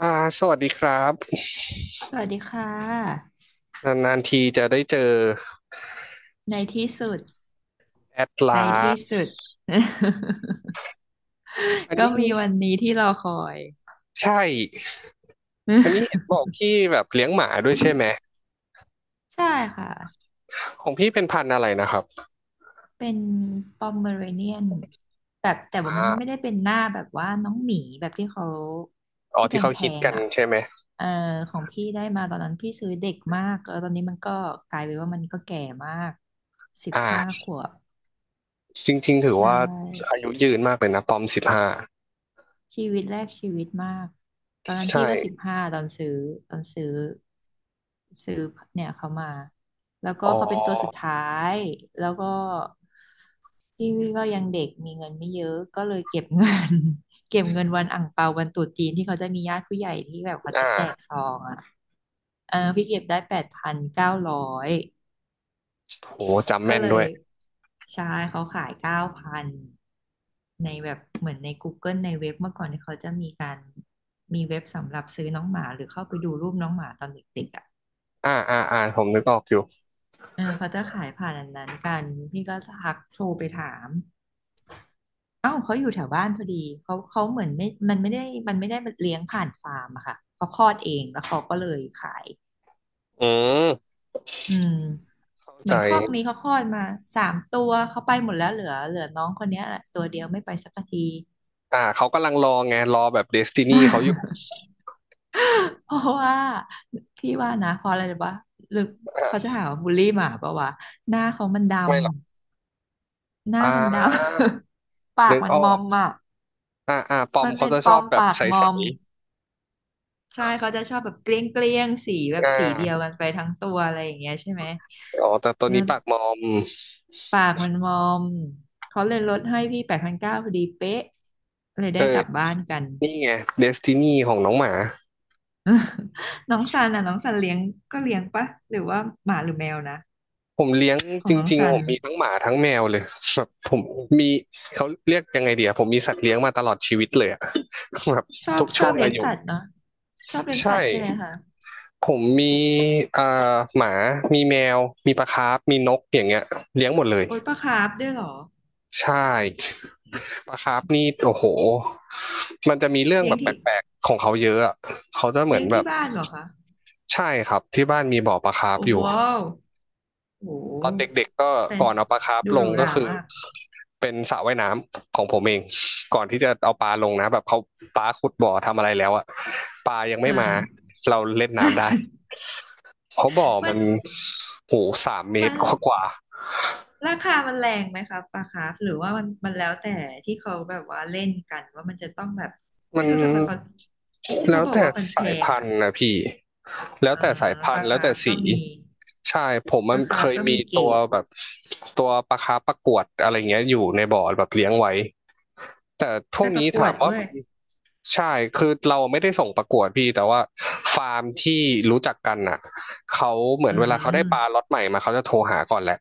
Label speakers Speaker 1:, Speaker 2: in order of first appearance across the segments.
Speaker 1: อ่าสวัสดีครับ
Speaker 2: สวัสดีค่ะ
Speaker 1: นานๆทีจะได้เจอ
Speaker 2: ในที่สุด
Speaker 1: แอด
Speaker 2: ใน
Speaker 1: ลา
Speaker 2: ที่
Speaker 1: ส
Speaker 2: สุด
Speaker 1: อั น
Speaker 2: ก็
Speaker 1: นี้
Speaker 2: มีวันนี้ที่รอคอย
Speaker 1: ใช่อันนี้เห็นบอก พี่แบบเลี้ยงหมาด้วยใช่ไหม
Speaker 2: ใช่ค่ะ
Speaker 1: ของพี่เป็นพันธุ์อะไรนะครับ
Speaker 2: เป็นปอมเมอเรเนียนแบบแต่
Speaker 1: อ่
Speaker 2: ว่ามันไม่ได้
Speaker 1: า
Speaker 2: เป็นหน้าแบบว่าน้องหมีแบบที่เขา
Speaker 1: อ๋อ
Speaker 2: ที่แ
Speaker 1: ที่เขา
Speaker 2: พ
Speaker 1: ฮิต
Speaker 2: ง
Speaker 1: กัน
Speaker 2: ๆอ่ะ
Speaker 1: ใช่ไหม
Speaker 2: เออของพี่ได้มาตอนนั้นพี่ซื้อเด็กมากแล้วตอนนี้มันก็กลายเป็นว่ามันก็แก่มากสิบห้า
Speaker 1: อ่า
Speaker 2: ขวบ
Speaker 1: จริงๆถือ
Speaker 2: ใช่
Speaker 1: ว่าอายุยืนมากเลยนะปอม15
Speaker 2: ชีวิตแรกชีวิตมากตอนนั้น
Speaker 1: ใช่
Speaker 2: พี่ก็สิบห้าตอนซื้อซื้อเนี่ยเขามาแล้วก็
Speaker 1: อ๋อ
Speaker 2: เขาเป็นตัวสุดท้ายแล้วก็พี่ก็ยังเด็กมีเงินไม่เยอะก็เลยเก็บเงิน เก็บเงินวันอั่งเปาวันตรุษจีนที่เขาจะมีญาติผู้ใหญ่ที่แบบเขาจะแจก
Speaker 1: อ่า
Speaker 2: ซองอ่ะเออพี่เก็บได้8,900
Speaker 1: โหจำ
Speaker 2: ก็
Speaker 1: แม่น
Speaker 2: เล
Speaker 1: ด้
Speaker 2: ย
Speaker 1: วย
Speaker 2: ใช่เขาขาย9,000ในแบบเหมือนใน Google ในเว็บเมื่อก่อนที่เขาจะมีการมีเว็บสำหรับซื้อน้องหมาหรือเข้าไปดูรูปน้องหมาตอนเด็กๆอ่ะ
Speaker 1: ผมนึกออกอยู่
Speaker 2: เออเขาจะขายผ่านอันนั้นกันพี่ก็ทักโทรไปถามเอ้าวเขาอยู่แถวบ้านพอดีเขาเขาเหมือนไม่มันไม่ได้เลี้ยงผ่านฟาร์มอะค่ะเขาคลอดเองแล้วเขาก็เลยขาย
Speaker 1: อืม
Speaker 2: อืม
Speaker 1: เข้า
Speaker 2: เหมื
Speaker 1: ใจ
Speaker 2: อนคอกนี้เขาคลอดมาสามตัวเขาไปหมดแล้วเหลือน้องคนเนี้ยตัวเดียวไม่ไปสักที
Speaker 1: เขากำลังรอไงรอแบบเดสตินีเขาอยู่
Speaker 2: เพราะว่าพี่ว่านะเพราะอะไรรู้ปะหรือเขา
Speaker 1: อ่า
Speaker 2: จะหาว่าบูลลี่หมาปะวะหน้าเขามันด
Speaker 1: ไม่หรอก
Speaker 2: ำหน้า
Speaker 1: อ่
Speaker 2: มันด
Speaker 1: า
Speaker 2: ำ ปา
Speaker 1: นึ
Speaker 2: ก
Speaker 1: ก
Speaker 2: มัน
Speaker 1: ออ
Speaker 2: มอ
Speaker 1: ก
Speaker 2: มอ่ะ
Speaker 1: ปอม
Speaker 2: มัน
Speaker 1: เขา
Speaker 2: เป็น
Speaker 1: จะ
Speaker 2: ป
Speaker 1: ช
Speaker 2: อ
Speaker 1: อบ
Speaker 2: ม
Speaker 1: แบบ
Speaker 2: ปากม
Speaker 1: ใส
Speaker 2: อมใช่เขาจะชอบแบบเกลี้ยงเกลี้ยงสีแบ
Speaker 1: ๆ
Speaker 2: บสีเดียวกันไปทั้งตัวอะไรอย่างเงี้ยใช่ไหม
Speaker 1: อ๋อแต่ตัว
Speaker 2: แล้
Speaker 1: นี้
Speaker 2: ว
Speaker 1: ปากมอม
Speaker 2: ปากมันมอมเขาเลยลดให้พี่แปดพันเก้าพอดีเป๊ะเลย
Speaker 1: เอ
Speaker 2: ได้ก
Speaker 1: อ
Speaker 2: ลับบ้านกัน
Speaker 1: นี่ไงเดสตินีของน้องหมา
Speaker 2: น้องซันอ่ะน้องซันเลี้ยงก็เลี้ยงปะหรือว่าหมาหรือแมวนะ
Speaker 1: ผมเลี้ยง
Speaker 2: ขอ
Speaker 1: จ
Speaker 2: งน้อง
Speaker 1: ริง
Speaker 2: ซั
Speaker 1: ๆผ
Speaker 2: น
Speaker 1: มมีทั้งหมาทั้งแมวเลยแบบผมมีเขาเรียกยังไงเดียวผมมีสัตว์เลี้ยงมาตลอดชีวิตเลยอะ แบบ
Speaker 2: ชอบ
Speaker 1: ทุก
Speaker 2: ช
Speaker 1: ช่
Speaker 2: อ
Speaker 1: ว
Speaker 2: บ
Speaker 1: ง
Speaker 2: เลี้
Speaker 1: อา
Speaker 2: ยง
Speaker 1: ยุ
Speaker 2: สัตว์เนาะชอบเลี้ยง
Speaker 1: ใช่
Speaker 2: สัตว์ใช่ไหมคะ
Speaker 1: ผมมีอ่าหมามีแมวมีปลาคาร์ฟมีนกอย่างเงี้ยเลี้ยงหมดเลย
Speaker 2: โอ้ยปลาคาร์ฟด้วยเหรอ
Speaker 1: ใช่ ปลาคาร์ฟนี่โอ้โหมันจะมีเรื่อง
Speaker 2: เลี้ย
Speaker 1: แบ
Speaker 2: ง
Speaker 1: บแป
Speaker 2: ที่
Speaker 1: ลกๆของเขาเยอะอะเขาจะเหมือ
Speaker 2: เลี้ย
Speaker 1: น
Speaker 2: ง
Speaker 1: แบ
Speaker 2: ที่
Speaker 1: บ
Speaker 2: บ้านเหรอคะ
Speaker 1: ใช่ครับที่บ้านมีบ่อปลาคาร์ฟ
Speaker 2: โอ้
Speaker 1: อ
Speaker 2: โห
Speaker 1: ยู่
Speaker 2: โอ้โห
Speaker 1: ตอนเด็กๆก็
Speaker 2: แฟน
Speaker 1: ก่อนเอาปลาคาร์ฟ
Speaker 2: ดู
Speaker 1: ล
Speaker 2: ห
Speaker 1: ง
Speaker 2: รูห
Speaker 1: ก็
Speaker 2: รา
Speaker 1: คือ
Speaker 2: มาก
Speaker 1: เป็นสระว่ายน้ำของผมเองก่อนที่จะเอาปลาลงนะแบบเขาปลาขุดบ่อทำอะไรแล้วอะปลายังไม่มา
Speaker 2: อ่า
Speaker 1: เราเล่นน้ำได้เพราะบ่อ
Speaker 2: มั
Speaker 1: มั
Speaker 2: น
Speaker 1: นโหสามเมต
Speaker 2: มั
Speaker 1: ร
Speaker 2: น
Speaker 1: กว่า
Speaker 2: ราคามันแรงไหมคะปลาคาร์ฟหรือว่ามันมันแล้วแต่ที่เขาแบบว่าเล่นกันว่ามันจะต้องแบบ
Speaker 1: มั
Speaker 2: ไม่
Speaker 1: น
Speaker 2: รู้ทำไมเขาที่
Speaker 1: แล้
Speaker 2: เขา
Speaker 1: ว
Speaker 2: บอก
Speaker 1: แต่
Speaker 2: ว่ามันแพ
Speaker 1: สาย
Speaker 2: ง
Speaker 1: พัน
Speaker 2: อ่ะ
Speaker 1: ธุ์นะพี่แล้ว
Speaker 2: อ่า
Speaker 1: แต่สายพั
Speaker 2: ป
Speaker 1: น
Speaker 2: ลา
Speaker 1: ธุ์แล้ว
Speaker 2: คา
Speaker 1: แต่
Speaker 2: ร์ฟก็
Speaker 1: สี
Speaker 2: มี
Speaker 1: ใช่ผม
Speaker 2: ป
Speaker 1: มัน
Speaker 2: ลาคา
Speaker 1: เค
Speaker 2: ร์ฟ
Speaker 1: ย
Speaker 2: ก็
Speaker 1: มี
Speaker 2: มีเกร
Speaker 1: ตัว
Speaker 2: ด
Speaker 1: แบบตัวปลาคาร์ปประกวดอะไรเงี้ยอยู่ในบ่อแบบเลี้ยงไว้แต่พ
Speaker 2: ไป
Speaker 1: วก
Speaker 2: ป
Speaker 1: นี้
Speaker 2: ระกว
Speaker 1: ถา
Speaker 2: ด
Speaker 1: มว่า
Speaker 2: ด้วย
Speaker 1: มันใช่คือเราไม่ได้ส่งประกวดพี่แต่ว่าฟาร์มที่รู้จักกันน่ะเขาเหมือ
Speaker 2: อื
Speaker 1: นเวลาเขาได้ปลา
Speaker 2: ม
Speaker 1: ล็อตใหม่มาเขาจะโทรหาก่อนแหละ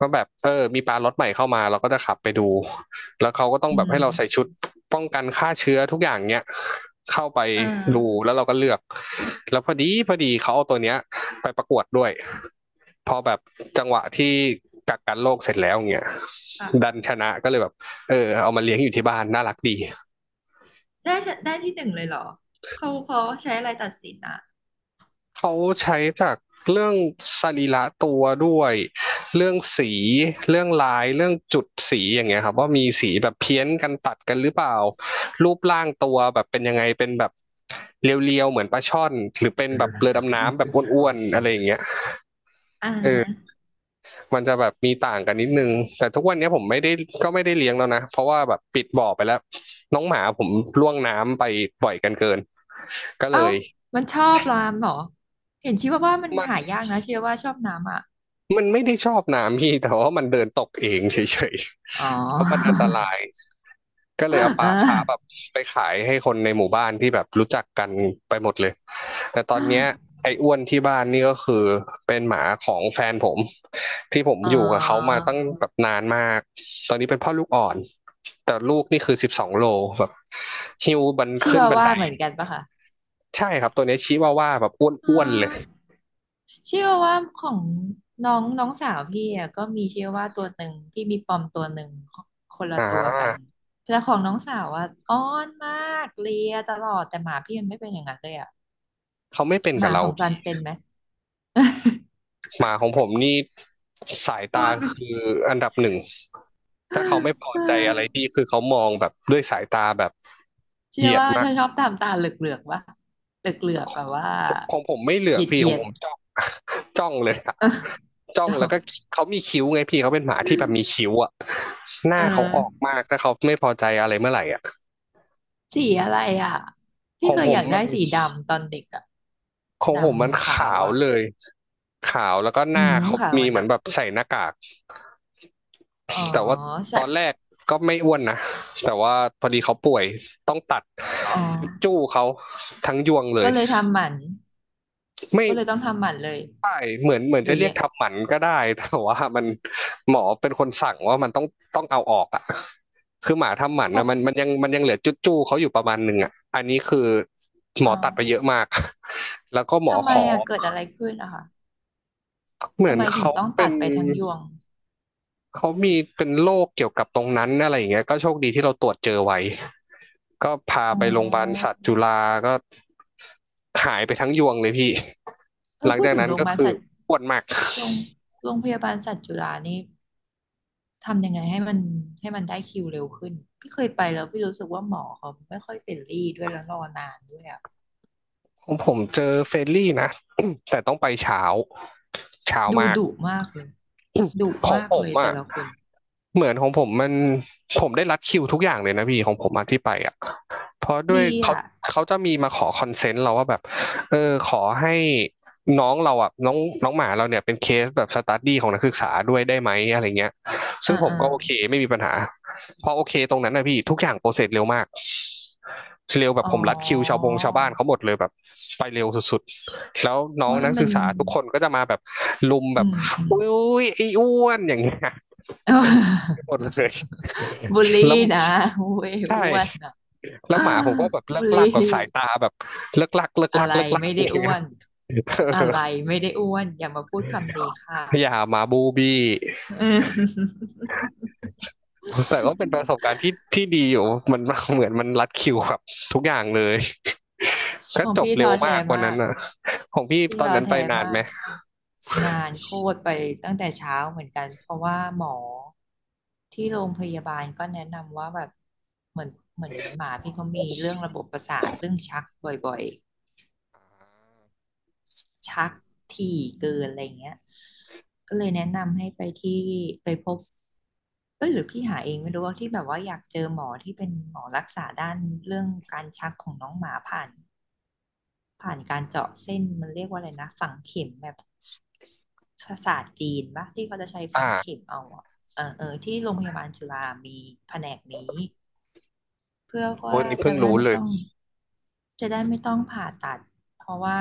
Speaker 1: ว่าแบบเออมีปลาล็อตใหม่เข้ามาเราก็จะขับไปดู แล้วเขาก็ต้อง
Speaker 2: อื
Speaker 1: แบบ
Speaker 2: ม
Speaker 1: ให้เราใส่ชุดป้องกันฆ่าเชื้อทุกอย่างเนี้ยเข้าไป
Speaker 2: เอ
Speaker 1: ดู
Speaker 2: อ
Speaker 1: แล้วเราก็เลือกแล้วพอดีเขาเอาตัวเนี้ยไปประกวดด้วยพอแบบจังหวะที่กักกันโรคเสร็จแล้วเงี้ย
Speaker 2: ค่ะ
Speaker 1: ดันชนะก็เลยแบบเออเอามาเลี้ยงอยู่ที่บ้านน่ารักดี
Speaker 2: ได้ได้ที่หนึ่งเลยเหรอเขาเขาใช้อะไรตัดสินอ่ะ
Speaker 1: เขาใช้จากเรื่องสรีระตัวด้วยเรื่องสีเรื่องลายเรื่องจุดสีอย่างเงี้ยครับว่ามีสีแบบเพี้ยนกันตัดกันหรือเปล่ารูปร่างตัวแบบเป็นยังไงเป็นแบบเรียวๆเหมือนปลาช่อนหรือเป็นแบบเรือดำน้ำแบบอ้วนๆอะไรอย่างเงี้ย
Speaker 2: อ่
Speaker 1: เออ
Speaker 2: า
Speaker 1: มันจะแบบมีต่างกันนิดนึงแต่ทุกวันนี้ผมไม่ได้ก็ไม่ได้เลี้ยงแล้วนะเพราะว่าแบบปิดบ่อไปแล้วน้องหมาผมล่วงน้ำไปบ่อยกันเกินก็เล
Speaker 2: เอ้า
Speaker 1: ย
Speaker 2: มันชอบรามเหรอเห็นชีว่าว่ามัน
Speaker 1: มัน
Speaker 2: หายากนะชีว่าว่าชอบน้ำอ่ะ
Speaker 1: มันไม่ได้ชอบน้ำ พี่แต่ว่ามันเดินตกเองเฉยๆ
Speaker 2: อ๋อ
Speaker 1: แล้วมันอันตรายก็เลยเอาป
Speaker 2: เอ
Speaker 1: ลาช้าแบบ
Speaker 2: อ
Speaker 1: ไปขายให้คนในหมู่บ้านที่แบบรู้จักกันไปหมดเลยแต่ตอนเนี้ยไอ้อ้วนที่บ้านนี่ก็คือเป็นหมาของแฟนผมที่ผม
Speaker 2: เอ
Speaker 1: อยู่กับเขามา
Speaker 2: อ
Speaker 1: ตั้งแบบนานมากตอนนี้เป็นพ่อลูกอ่อนแต่ลูกนี่คือ12 โลแบบหิวบัน
Speaker 2: ชี
Speaker 1: ขึ้น
Speaker 2: ว่า
Speaker 1: บัน
Speaker 2: ว่า
Speaker 1: ได
Speaker 2: เหมือนกันปะคะ
Speaker 1: ใช่ครับตัวเนี้ยชิวาว่าแบบ
Speaker 2: เอ๋อ
Speaker 1: อ้วนๆเลย
Speaker 2: ชีว่าว่าของน้องน้องสาวพี่อะก็มีชีว่าว่าตัวหนึ่งพี่มีปอมตัวหนึ่งคนละ
Speaker 1: อ่
Speaker 2: ตัวกัน
Speaker 1: า
Speaker 2: แต่ของน้องสาวอ่ะอ้อนมากเลียตลอดแต่หมาพี่มันไม่เป็นอย่างนั้นเลยอะ
Speaker 1: เขาไม่เป็น
Speaker 2: ห
Speaker 1: กับ
Speaker 2: มา
Speaker 1: เรา
Speaker 2: ของซันเป็นไหม
Speaker 1: หมาของผมนี่สาย
Speaker 2: ร
Speaker 1: ตา
Speaker 2: อดไหม
Speaker 1: คืออันดับหนึ่งถ้าเขาไม่พอใจอะไร พี่คือเขามองแบบด้วยสายตาแบบเห
Speaker 2: เชื่อ
Speaker 1: ยียด
Speaker 2: ว่า
Speaker 1: มาก
Speaker 2: จะชอบทำตาเหลือกๆวะเหลือกๆแบบว่า
Speaker 1: ของผมไม่เหลื
Speaker 2: เห
Speaker 1: อกพี่ข
Speaker 2: ยี
Speaker 1: อง
Speaker 2: ย
Speaker 1: ผ
Speaker 2: ด
Speaker 1: ม
Speaker 2: ๆ
Speaker 1: จ้อง จ้องเลยอะ
Speaker 2: เออ
Speaker 1: จ้อ
Speaker 2: จ
Speaker 1: ง
Speaker 2: อ
Speaker 1: แล้วก็
Speaker 2: บ
Speaker 1: เขามีคิ้วไงพี่เขาเป็นหมาที่แบบมีคิ้วอะห
Speaker 2: เอ
Speaker 1: น้าเขา
Speaker 2: อ
Speaker 1: ออกมากถ้าเขาไม่พอใจอะไรเมื่อไหร่อะ
Speaker 2: สีอะไรอ่ะ
Speaker 1: ข
Speaker 2: ที่
Speaker 1: อง
Speaker 2: เคย
Speaker 1: ผ
Speaker 2: อ
Speaker 1: ม
Speaker 2: ยาก
Speaker 1: มั
Speaker 2: ได้
Speaker 1: น
Speaker 2: สีดำตอนเด็กอ่ะ
Speaker 1: ของ
Speaker 2: ด
Speaker 1: ผมมัน
Speaker 2: ำขา
Speaker 1: ขา
Speaker 2: ว
Speaker 1: ว
Speaker 2: อ่ะ
Speaker 1: เลยขาวแล้วก็ห
Speaker 2: อื
Speaker 1: น้า
Speaker 2: ม
Speaker 1: เขา
Speaker 2: ขาว
Speaker 1: มี
Speaker 2: มัน
Speaker 1: เหมือ
Speaker 2: อ่ะ
Speaker 1: นแบบใส่หน้ากาก
Speaker 2: อ๋อ
Speaker 1: แต่ว่าต
Speaker 2: ใส่
Speaker 1: อนแรกก็ไม่อ้วนนะแต่ว่าพอดีเขาป่วยต้องตัด
Speaker 2: อ๋อ
Speaker 1: จู้เขาทั้งยวงเล
Speaker 2: ก็
Speaker 1: ย
Speaker 2: เลยทำหมัน
Speaker 1: ไม่
Speaker 2: ก็เลยต้องทำหมันเลย
Speaker 1: ใช่เหมือน
Speaker 2: ห
Speaker 1: จะ
Speaker 2: รื
Speaker 1: เรี
Speaker 2: อ
Speaker 1: ยก
Speaker 2: ยัง
Speaker 1: ทำหมันก็ได้ แต่ว่ามันหมอเป็นคนสั่งว่ามันต้องเอาออกอ่ะคือหมาทำหมัน
Speaker 2: ครอ
Speaker 1: นะ
Speaker 2: บ
Speaker 1: มันยังเหลือจุดจู้เขาอยู่ประมาณหนึ่งอ่ะอันนี้คือหม
Speaker 2: อ๋
Speaker 1: อ
Speaker 2: อ
Speaker 1: ตัดไปเยอะมาก แล้วก็หมอ
Speaker 2: ทำไม
Speaker 1: ขอ
Speaker 2: อ่ะเกิดอะไรขึ้นอะคะ
Speaker 1: เหมือ
Speaker 2: ทำ
Speaker 1: น
Speaker 2: ไมถึงต้อง
Speaker 1: เป็
Speaker 2: ตัด
Speaker 1: น
Speaker 2: ไปทั้งยวง
Speaker 1: เขามีเป็นโรคเกี่ยวกับตรงนั้นอะไรอย่างเงี้ยก็โชคดีที่เราตรวจเจอไว้ก็พา
Speaker 2: อ๋อ
Speaker 1: ไปโรงพยาบาลสัตว์จุฬาก็หายไปทั้งยวงเลยพี่
Speaker 2: เออ
Speaker 1: หลัง
Speaker 2: พูด
Speaker 1: จาก
Speaker 2: ถึง
Speaker 1: นั้น
Speaker 2: โรงพ
Speaker 1: ก็
Speaker 2: ยาบาล
Speaker 1: คือ
Speaker 2: สัตว์
Speaker 1: ปวดมาก
Speaker 2: โรงโรงพยาบาลสัตว์จุฬานี่ทำยังไงให้มันได้คิวเร็วขึ้นพี่เคยไปแล้วพี่รู้สึกว่าหมอเขาไม่ค่อยเฟรนลี่ด้วยแล้วรอนานด้วยอ่ะ
Speaker 1: ของผมเจอเฟรนลี่นะ แต่ต้องไปเช้าเช้า
Speaker 2: ดู
Speaker 1: มาก
Speaker 2: ดุมากเลยดุ
Speaker 1: ของ
Speaker 2: มาก
Speaker 1: ผ
Speaker 2: เล
Speaker 1: ม
Speaker 2: ยแต่
Speaker 1: อ่ะ
Speaker 2: ละคน
Speaker 1: เหมือนของผมมันผมได้รัดคิวทุกอย่างเลยนะพี่ของผมมาที่ไปอ่ะเพราะด้วย
Speaker 2: ดี
Speaker 1: เขา
Speaker 2: อ่ะ
Speaker 1: เขาจะมีมาขอคอนเซนต์เราว่าแบบเออขอให้น้องเราอ่ะน้องน้องหมาเราเนี่ยเป็นเคสแบบสตัดดี้ของนักศึกษาด้วยได้ไหมอะไรเงี้ยซึ่
Speaker 2: อ่า
Speaker 1: งผม
Speaker 2: อ่า
Speaker 1: ก็โอเคไม่มีปัญหาพอโอเคตรงนั้นนะพี่ทุกอย่างโปรเซสเร็วมากเร็วแบบ
Speaker 2: อ๋
Speaker 1: ผมรัดคิวชาว
Speaker 2: อ
Speaker 1: บงชาวบ้านเขาหมดเลยแบบไปเร็วสุดๆแล้วน้
Speaker 2: เพ
Speaker 1: อง
Speaker 2: ราะมั
Speaker 1: นั
Speaker 2: น
Speaker 1: ก
Speaker 2: เป็
Speaker 1: ศึ
Speaker 2: น
Speaker 1: กษาทุกคนก็จะมาแบบลุมแบ
Speaker 2: อื
Speaker 1: บ
Speaker 2: มอืม
Speaker 1: อุ้ยไอ้อ้วนอย่างเงี้ย
Speaker 2: เอ้า
Speaker 1: หมดเลย
Speaker 2: บูลลี่
Speaker 1: แล้ว
Speaker 2: นะเว้ย
Speaker 1: ใช่
Speaker 2: อ้วนอ่ะ
Speaker 1: แล้วหมาผมก็ แบบเลิ
Speaker 2: บู
Speaker 1: ก
Speaker 2: ล
Speaker 1: ลั
Speaker 2: ลี่
Speaker 1: กกับสายตาแบบเลิกลักเลิก
Speaker 2: อะ
Speaker 1: ลัก
Speaker 2: ไร
Speaker 1: เลิกลัก
Speaker 2: ไม่
Speaker 1: อ
Speaker 2: ได้
Speaker 1: ย่าง
Speaker 2: อ้
Speaker 1: เงี้
Speaker 2: ว
Speaker 1: ย
Speaker 2: น
Speaker 1: เอ
Speaker 2: อะไร
Speaker 1: อ
Speaker 2: ไม่ได้อ้วนอย่ามาพูดคำนี้ค่ะ
Speaker 1: อย่าหมาบูบี้
Speaker 2: อืม
Speaker 1: แต่ก็เป็นประสบการณ์ที่ที่ดีอยู่มันเหมือนมันรัดคิวครับทุกอย่างเลยก็
Speaker 2: ของ
Speaker 1: จบ
Speaker 2: พี่
Speaker 1: เร็
Speaker 2: ท้อ
Speaker 1: วมา
Speaker 2: แท้
Speaker 1: กวัน
Speaker 2: มา
Speaker 1: นั้น
Speaker 2: ก
Speaker 1: อ่ะของพี่
Speaker 2: พี่
Speaker 1: ตอน
Speaker 2: ท้อ
Speaker 1: นั้นไป
Speaker 2: แท้
Speaker 1: นาน
Speaker 2: มา
Speaker 1: ไหม
Speaker 2: กนานโคตรไปตั้งแต่เช้าเหมือนกันเพราะว่าหมอที่โรงพยาบาลก็แนะนำว่าแบบเหมือนเหมือนหมาพี่เขามีเรื่องระบบประสาทเรื่องชักบ่อยๆ ชักถี่เกินอะไรอย่างเงี้ยก็เลยแนะนำให้ไปที่ไปพบเอ้ยหรือพี่หาเองไม่รู้ว่าที่แบบว่าอยากเจอหมอที่เป็นหมอรักษาด้านเรื่องการชักของน้องหมาผ่านการเจาะเส้นมันเรียกว่าอะไรนะฝังเข็มแบบภาษาสตร์จีนปะที่เขาจะใช้ฝังเข็
Speaker 1: อ่า
Speaker 2: มเอาอะเออเออที่โรงพยาบาลจุฬามีแผนกนี้ เพื่อ
Speaker 1: โห
Speaker 2: ว่า
Speaker 1: นี่
Speaker 2: จะ
Speaker 1: เพิ่ง
Speaker 2: ได้
Speaker 1: รู้
Speaker 2: ไม่
Speaker 1: เลย
Speaker 2: ต้องจะได้ไม่ต้องผ่าตัดเพราะว่า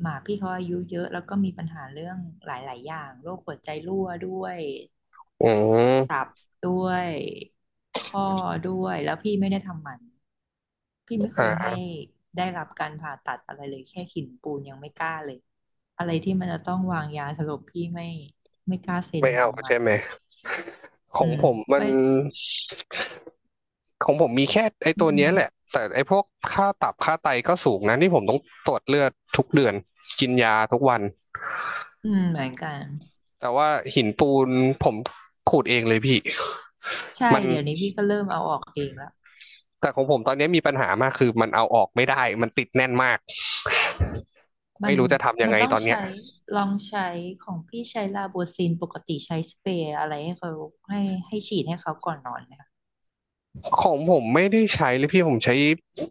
Speaker 2: หมาพี่เขาอายุเยอะแล้วก็มีปัญหาเรื่องหลายๆอย่างโรคหัวใจรั่วด้วย
Speaker 1: อืม
Speaker 2: ด้วยข้อด้วยแล้วพี่ไม่ได้ทำหมันพี่ไม่เคย
Speaker 1: อ่า
Speaker 2: ให้ได้รับการผ่าตัดอะไรเลยแค่หินปูนยังไม่กล้าเลยอะไรที่มันจะต้องวางยาสลบพี่ไม่กล้าเซ็น
Speaker 1: ไม่
Speaker 2: อ
Speaker 1: เอา
Speaker 2: นุมั
Speaker 1: ใช่
Speaker 2: ติ
Speaker 1: ไหม ข
Speaker 2: อื
Speaker 1: อง
Speaker 2: ม
Speaker 1: ผมมัน
Speaker 2: ไม่
Speaker 1: ของผมมีแค่ไอ้
Speaker 2: อื
Speaker 1: ตัวเนี้
Speaker 2: ม
Speaker 1: ยแหละแต่ไอ้พวกค่าตับค่าไตก็สูงนะนี่ผมต้องตรวจเลือดทุกเดือนกินยาทุกวัน
Speaker 2: อืมเหมือนกัน
Speaker 1: แต่ว่าหินปูนผมขูดเองเลยพี่
Speaker 2: ใช่
Speaker 1: มัน
Speaker 2: เดี๋ยวนี้พี่ก็เริ่มเอาออกเองแล้ว
Speaker 1: แต่ของผมตอนเนี้ยมีปัญหามากคือมันเอาออกไม่ได้มันติดแน่นมาก
Speaker 2: มั
Speaker 1: ไม่
Speaker 2: น
Speaker 1: รู้จะทำยัง
Speaker 2: มัน
Speaker 1: ไง
Speaker 2: ต้อง
Speaker 1: ตอนเนี้ย
Speaker 2: ใช้ลองใช้ของพี่ใช้ลาโบซินปกติใช้สเปรย์อะไรให้เขาให้ฉีดให้เขาก่อนนอนเนยคะ
Speaker 1: ของผมไม่ได้ใช้เลยพี่ผมใช้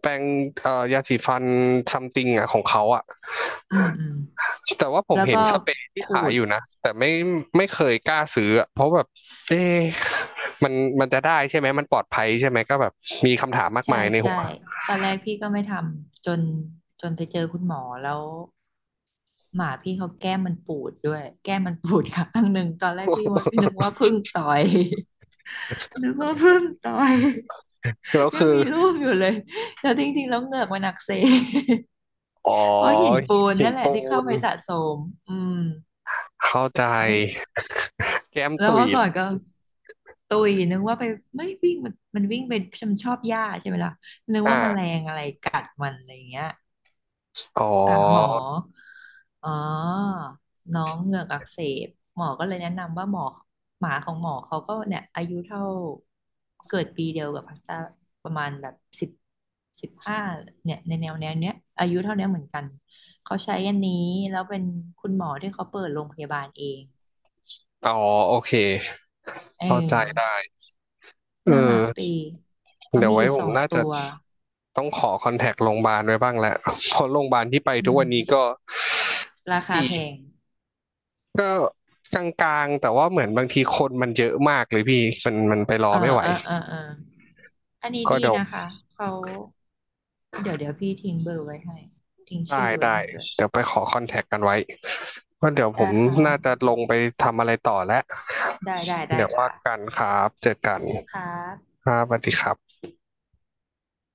Speaker 1: แปรงยาสีฟันซัมติงอ่ะของเขาอ่ะ
Speaker 2: อืมอืม
Speaker 1: แต่ว่าผม
Speaker 2: แล้ว
Speaker 1: เห็
Speaker 2: ก็
Speaker 1: นสเปรย์ที่
Speaker 2: ขู
Speaker 1: ขาย
Speaker 2: ด
Speaker 1: อยู่นะแต่ไม่ไม่เคยกล้าซื้ออะเพราะแบบเอ๊ะมันมันจะได้ใช่ไหมมันปลอดภัยใช่ไหมก็แบบมีคำถามมาก
Speaker 2: ใช่
Speaker 1: มายใน
Speaker 2: ใช่
Speaker 1: หัว
Speaker 2: ตอนแรกพี่ก็ไม่ทำจนไปเจอคุณหมอแล้วหมาพี่เขาแก้มมันปูดด้วยแก้มมันปูดข้างหนึ่งตอนแรกพี่ว่าพี่นึกว่าพึ่งต่อย นึ กว่าพึ่งต่อย
Speaker 1: แล้ว
Speaker 2: ยัง
Speaker 1: คือ
Speaker 2: มีรูปอยู่เลยแต่จริงๆแล้วเหงือกมันอักเสบ
Speaker 1: อ๋อ
Speaker 2: เพราะหินปูน
Speaker 1: หิน
Speaker 2: นั่นแหละ
Speaker 1: ปู
Speaker 2: ที่เข้า
Speaker 1: น
Speaker 2: ไปสะสมอืม
Speaker 1: เข้าใจ
Speaker 2: ไม่
Speaker 1: แก้ม
Speaker 2: แล้ว
Speaker 1: ตุ๋ย
Speaker 2: เมื่อก่อนก็ตุยนึกว่าไปไม่วิ่งมันวิ่งไปชมนชอบหญ้าใช่ไหมล่ะนึก
Speaker 1: อ่
Speaker 2: ว่าแมล
Speaker 1: า
Speaker 2: งอะไรกัดมันอะไรอย่างเงี้ย
Speaker 1: อ๋อ
Speaker 2: หาหมออ๋อน้องเหงือกอักเสบ หมอก็เลยแนะนำว่าหมอหมาของหมอเขาก็เนี่ยอายุเท่าเกิดปีเดียวกับพาสต้าประมาณแบบสิบสิบห้าเนี่ยในแนวแนวเนี้ยอายุเท่าเนี้ยเหมือนกันเขาใช้อันนี้แล้วเป็นคุณหมอที่เขาเปิดโรงพยาบาลเอง
Speaker 1: อ๋อโอเค
Speaker 2: เอ
Speaker 1: เข้าใจ
Speaker 2: อ
Speaker 1: ได้เอ
Speaker 2: น่ารักดี
Speaker 1: อ
Speaker 2: เขา
Speaker 1: เดี๋ยว
Speaker 2: มีอ
Speaker 1: ไว้
Speaker 2: ยู่
Speaker 1: ผ
Speaker 2: ส
Speaker 1: ม
Speaker 2: อง
Speaker 1: น่า
Speaker 2: ตั
Speaker 1: จะ
Speaker 2: ว
Speaker 1: ต้องขอคอนแทคโรงพยาบาลไว้บ้างแหละเพราะโรงพยาบาลที่ไป
Speaker 2: อื
Speaker 1: ทุก
Speaker 2: ม
Speaker 1: วันนี้ก็ก็
Speaker 2: ราคา
Speaker 1: ดี
Speaker 2: แพง
Speaker 1: ก็กลางๆแต่ว่าเหมือนบางทีคนมันเยอะมากเลยพี่มันไปรอ
Speaker 2: เออ
Speaker 1: ไม่ไหว
Speaker 2: เออเออเอออันนี้
Speaker 1: ก็
Speaker 2: ดี
Speaker 1: เดี๋ยว
Speaker 2: นะคะ เขา เดี๋ยวเดี๋ยวพี่ทิ้งเบอร์ไว้ให้ ทิ้ง
Speaker 1: ได้
Speaker 2: ชื่อไว้
Speaker 1: ได้
Speaker 2: ให้ด้วย
Speaker 1: เดี๋ยวไปขอคอนแทคกันไว้ก็เดี๋ยวผ
Speaker 2: ได้
Speaker 1: ม
Speaker 2: ครับ
Speaker 1: น่าจะลงไปทำอะไรต่อแล้ว
Speaker 2: ได้ได้ได้
Speaker 1: เดี๋ยวว่า
Speaker 2: ค่ะ
Speaker 1: กันครับเจอกัน
Speaker 2: ครั
Speaker 1: ค
Speaker 2: บ
Speaker 1: รับสวัสดีครับ